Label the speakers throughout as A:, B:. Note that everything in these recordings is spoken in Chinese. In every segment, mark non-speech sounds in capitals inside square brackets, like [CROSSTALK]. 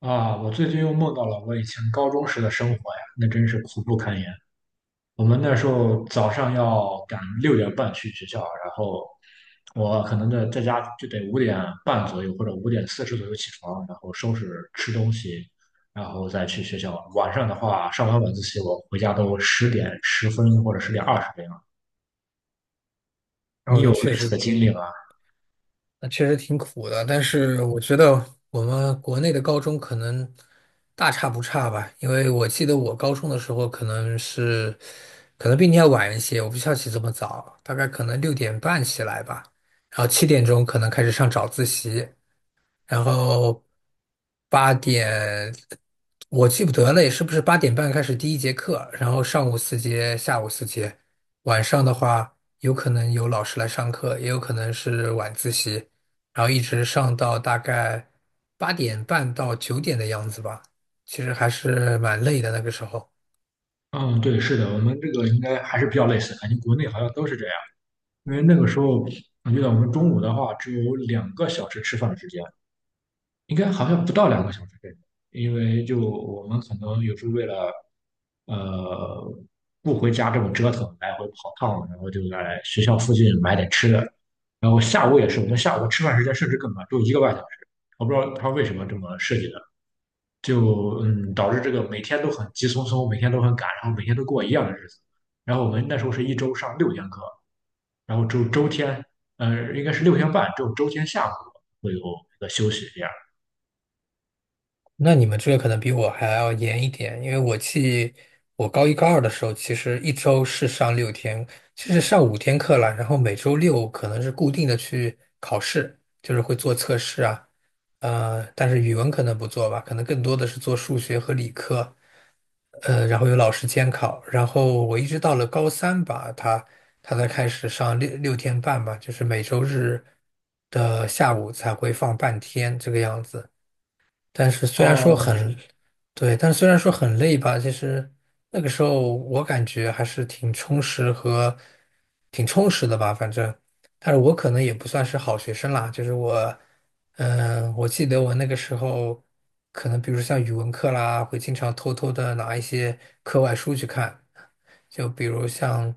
A: 啊，我最近又梦到了我以前高中时的生活呀，那真是苦不堪言。我们那时候早上要赶6点半去学校，然后我可能在家就得5点半左右或者5点40左右起床，然后收拾吃东西，然后再去学校。晚上的话，上完晚自习我回家都10点10分或者10点20这样。
B: 然
A: 你
B: 后那
A: 有类
B: 确
A: 似的
B: 实，
A: 经历吗？
B: 那确实挺苦的。但是我觉得我们国内的高中可能大差不差吧，因为我记得我高中的时候可能比你要晚一些，我不需要起这么早，大概可能6点半起来吧，然后7点钟可能开始上早自习。然后八点我记不得了，是不是八点半开始第一节课？然后上午四节，下午四节，晚上的话有可能有老师来上课，也有可能是晚自习，然后一直上到大概八点半到9点的样子吧。其实还是蛮累的那个时候。
A: 嗯，对，是的，我们这个应该还是比较类似，感觉国内好像都是这样。因为那个时候我记得我们中午的话只有两个小时吃饭时间，应该好像不到两个小时这种，因为就我们可能有时候为了呃不回家这么折腾，来回跑趟，然后就在学校附近买点吃的，然后下午也是，我们下午吃饭时间甚至更短，只有1个半小时，我不知道他为什么这么设计的，就导致这个每天都很急匆匆，每天都很赶，然后每天都过一样的日子，然后我们那时候是一周上六天课。然后周周天，呃，应该是六天半，只有周天下午会有一个休息这样。
B: 那你们这个可能比我还要严一点，因为我高一高二的时候，其实一周是上六天，其实上5天课了，然后每周六可能是固定的去考试，就是会做测试啊，但是语文可能不做吧，可能更多的是做数学和理科，然后有老师监考，然后我一直到了高三吧，他才开始上六天半吧，就是每周日的下午才会放半天这个样子。但是虽然说
A: 哦，
B: 很，对，但是虽然说很累吧，其实那个时候我感觉还是挺充实的吧，反正，但是我可能也不算是好学生啦，我记得我那个时候，可能比如像语文课啦，会经常偷偷的拿一些课外书去看，就比如像，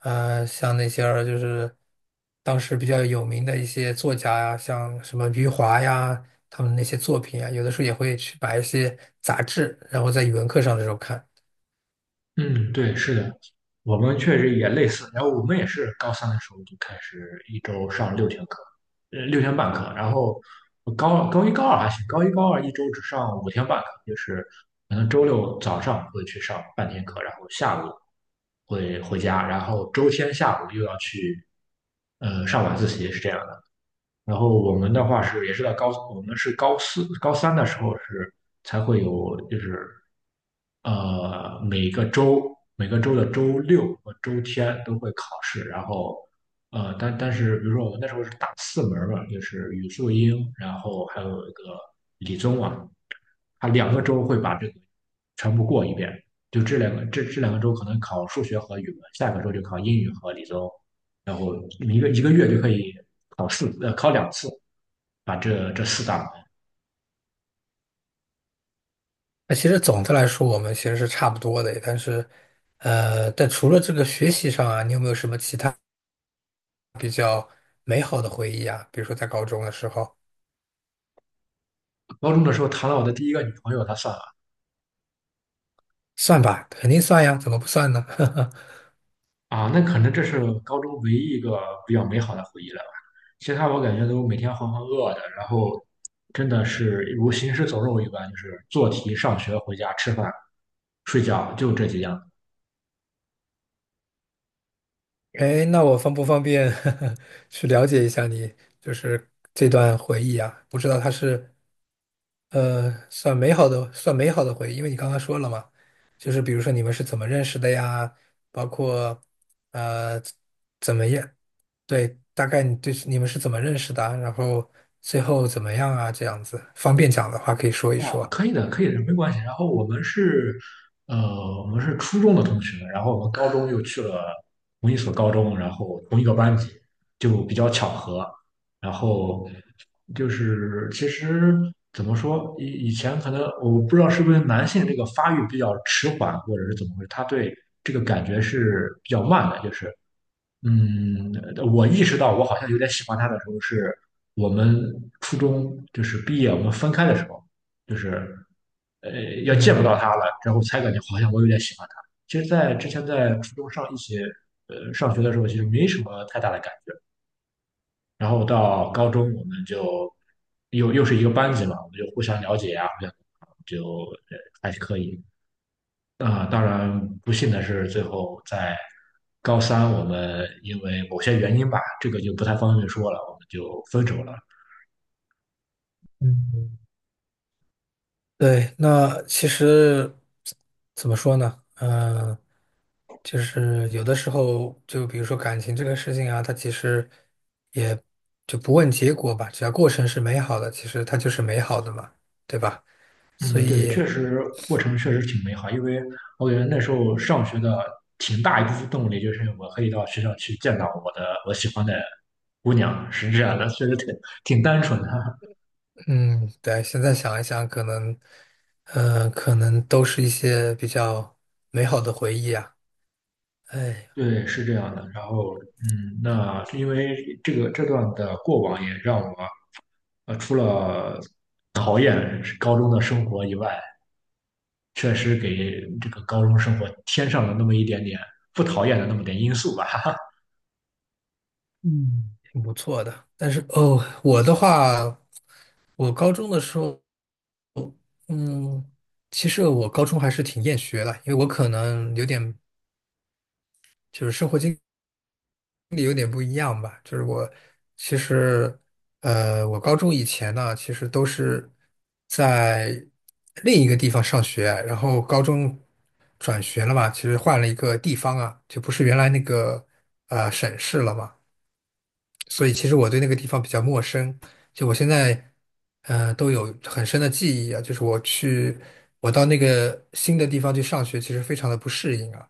B: 呃，像那些儿就是当时比较有名的一些作家呀，像什么余华呀，他们那些作品啊，有的时候也会去把一些杂志，然后在语文课上的时候看。
A: 嗯，对，是的，我们确实也类似。然后我们也是高三的时候就开始一周上六天课，六天半课。然后我高一高二还行，高一高二一周只上5天半课，就是可能周六早上会去上半天课，然后下午会回家，然后周天下午又要去上晚自习，是这样的。然后我们的话是也是在高，我们是高三的时候是才会有，就是每个周的周六和周天都会考试，然后但是比如说我们那时候是打4门嘛，就是语数英，然后还有一个理综啊，他两个周会把这个全部过一遍，就这两个周可能考数学和语文，下个周就考英语和理综。然后一个月就可以考2次，把这4大门
B: 那其实总的来说，我们其实是差不多的，但除了这个学习上啊，你有没有什么其他美好的回忆啊？比如说在高中的时候，
A: 高中的时候谈了我的第一个女朋友，她算了
B: 算吧，肯定算呀，怎么不算呢？[LAUGHS]
A: 啊，那可能这是高中唯一一个比较美好的回忆了吧。其他我感觉都每天浑浑噩噩的，然后真的是如行尸走肉一般，就是做题、上学、回家、吃饭、睡觉，就这几样。
B: 哎，那我方不方便 [LAUGHS] 去了解一下你，就是这段回忆啊？不知道它是算美好的，算美好的回忆，因为你刚刚说了嘛，就是比如说你们是怎么认识的呀？包括呃怎么样？对，大概你对你们是怎么认识的啊然后最后怎么样啊？这样子，方便讲的话可以说一
A: 啊，
B: 说。
A: 可以的，可以的，没关系。然后我们是初中的同学，然后我们高中又去了同一所高中，然后同一个班级，就比较巧合。然后就是其实怎么说，以前可能我不知道是不是男性这个发育比较迟缓，或者是怎么回事，他对这个感觉是比较慢的，就是嗯，我意识到我好像有点喜欢他的时候，是我们初中就是毕业我们分开的时候，就是呃要见不到
B: 嗯
A: 他了，然后才感觉好像我有点喜欢他。其实，在之前在初中一起上学的时候，其实没什么太大的感觉。然后到高中，我们就又是一个班级嘛，我们就互相了解啊，互相就还是可以。啊、当然不幸的是，最后在高三，我们因为某些原因吧，这个就不太方便说了，我们就分手了。
B: 嗯。对，那其实怎么说呢？嗯、就是有的时候，就比如说感情这个事情啊，它其实也就不问结果吧，只要过程是美好的，其实它就是美好的嘛，对吧？所
A: 嗯，对，
B: 以，
A: 确实过程确实挺美好，因为我觉得那时候上学的挺大一部分动力就是我可以到学校去见到我喜欢的姑娘，是这样的，确实挺单纯的。[LAUGHS]
B: 嗯，对，现在想一想，可能都是一些比较美好的回忆啊，哎，
A: 对，是这样的。然后，那是因为这段的过往也让我，除了讨厌高中的生活以外，确实给这个高中生活添上了那么一点点不讨厌的那么点因素吧。
B: 嗯，挺不错的。但是哦，我的话，我高中的时候。嗯，其实我高中还是挺厌学的，因为我可能有点就是生活经，就是我其实呃，我高中以前呢，其实都是在另一个地方上学，然后高中转学了嘛，其实换了一个地方啊，就不是原来那个省市了嘛。所以其实我对那个地方比较陌生，就我现在，呃，都有很深的记忆啊。我到那个新的地方去上学，其实非常的不适应啊。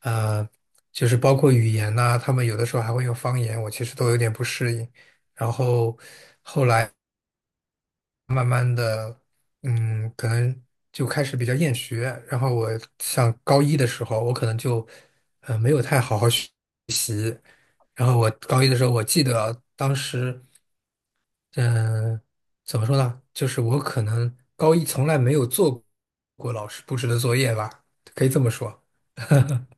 B: 呃，就是包括语言呐、他们有的时候还会用方言，我其实都有点不适应。然后，嗯，可能就开始比较厌学。然后我像高一的时候，我可能就，呃，没有太好好学。然后我高一的时候，我记得当时。嗯，呃怎么说呢？就是我可能高一从来没有做过老师布置的作业吧，可以这么说。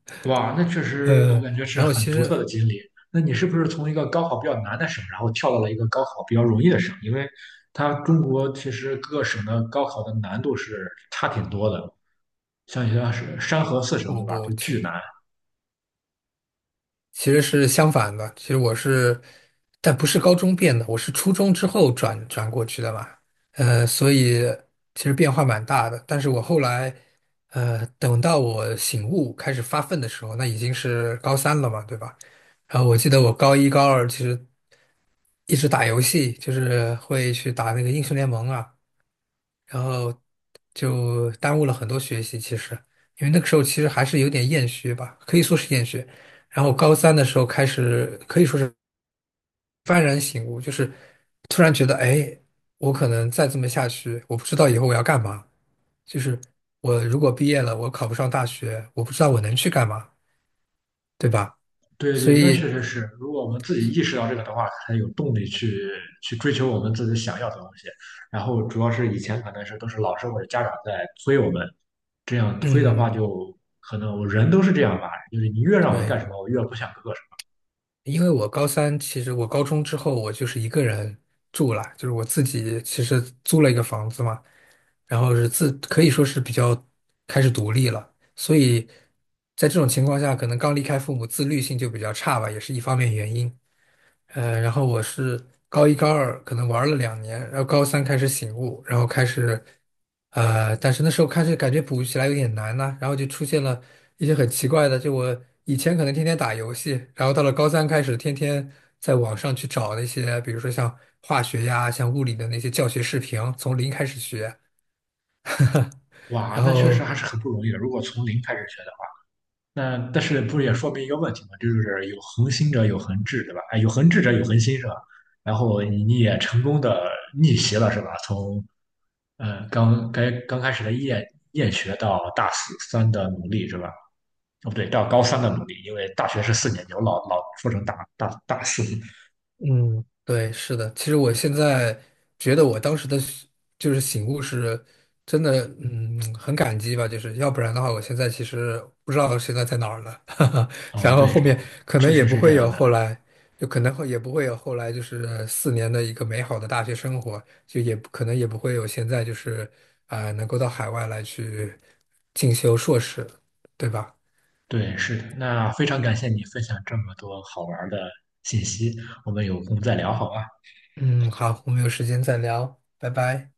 A: [LAUGHS] 哇，那确实我
B: 呃，
A: 感觉是
B: 然后
A: 很
B: 其
A: 独特的
B: 实
A: 经历。那你是不是从一个高考比较难的省，然后跳到了一个高考比较容易的省？因为它中国其实各个省的高考的难度是差挺多的，像有些是山河四省，
B: 不
A: 对吧？
B: 不，
A: 就
B: 其
A: 巨难。
B: 其实是相反的。其实我是，但不是高中变的，我是初中之后转过去的嘛。所以其实变化蛮大的。但是我后来，等到我醒悟开始发奋的时候，那已经是高三了嘛，对吧？然后我记得我高一、高二其实，一直打游戏，就是会去打那个英雄联盟啊，然后就耽误了很多学习。其实，因为那个时候其实还是有点厌学吧，可以说是厌学。然后高三的时候开始，可以说是幡然醒悟，就是突然觉得，哎，我可能再这么下去，我不知道以后我要干嘛。就是我如果毕业了，我考不上大学，我不知道我能去干嘛，对吧？
A: 对
B: 所
A: 对，那确
B: 以，
A: 实是。如果我们自己意识到这个的话，才有动力去追求我们自己想要的东西。然后主要是以前可能是都是老师或者家长在催我们，这样推的话
B: 嗯，
A: 就可能我人都是这样吧，就是你越让我干
B: 对，
A: 什么，我越不想做什么。
B: 因为我高三，其实我高中之后我就是一个人住了，就是我自己其实租了一个房子嘛，然后可以说是比较开始独立了，所以在这种情况下，可能刚离开父母，自律性就比较差吧，也是一方面原因。然后我是高一高二可能玩了2年，然后高三开始醒悟，然后开始，但是那时候开始感觉补起来有点难呢、然后就出现了一些很奇怪的，就我以前可能天天打游戏，然后到了高三开始天天在网上去找那些，比如说像化学呀、像物理的那些教学视频，从零开始学，[LAUGHS]
A: 哇，
B: 然
A: 那确实
B: 后。
A: 还是很不容易的。如果从零开始学的话，那但是不是也
B: 嗯。
A: 说明一个问题吗？就是有恒心者有恒志，对吧？哎，有恒志者有恒心是吧？然后你也成功的逆袭了是吧？从刚开始的厌学到大四三的努力是吧？哦，不对，到高三的努力，因为大学是4年级，我老说成大四
B: 嗯，对，是的。其实我现在觉得我当时的是就是醒悟是真的，嗯，很感激吧。就是要不然的话，我现在其实不知道现在在哪儿了。[LAUGHS]
A: 啊，
B: 然后
A: 对，
B: 后面可能
A: 确
B: 也
A: 实
B: 不
A: 是这
B: 会
A: 样
B: 有
A: 的。
B: 后来，就可能会也不会有后来，就是4年的一个美好的大学生活，就也不可能也不会有现在就是能够到海外来去进修硕士，对吧？
A: 对，是的。那非常感谢你分享这么多好玩儿的信息，我们有空再聊好吗？
B: 嗯，好，我们有时间再聊，拜拜。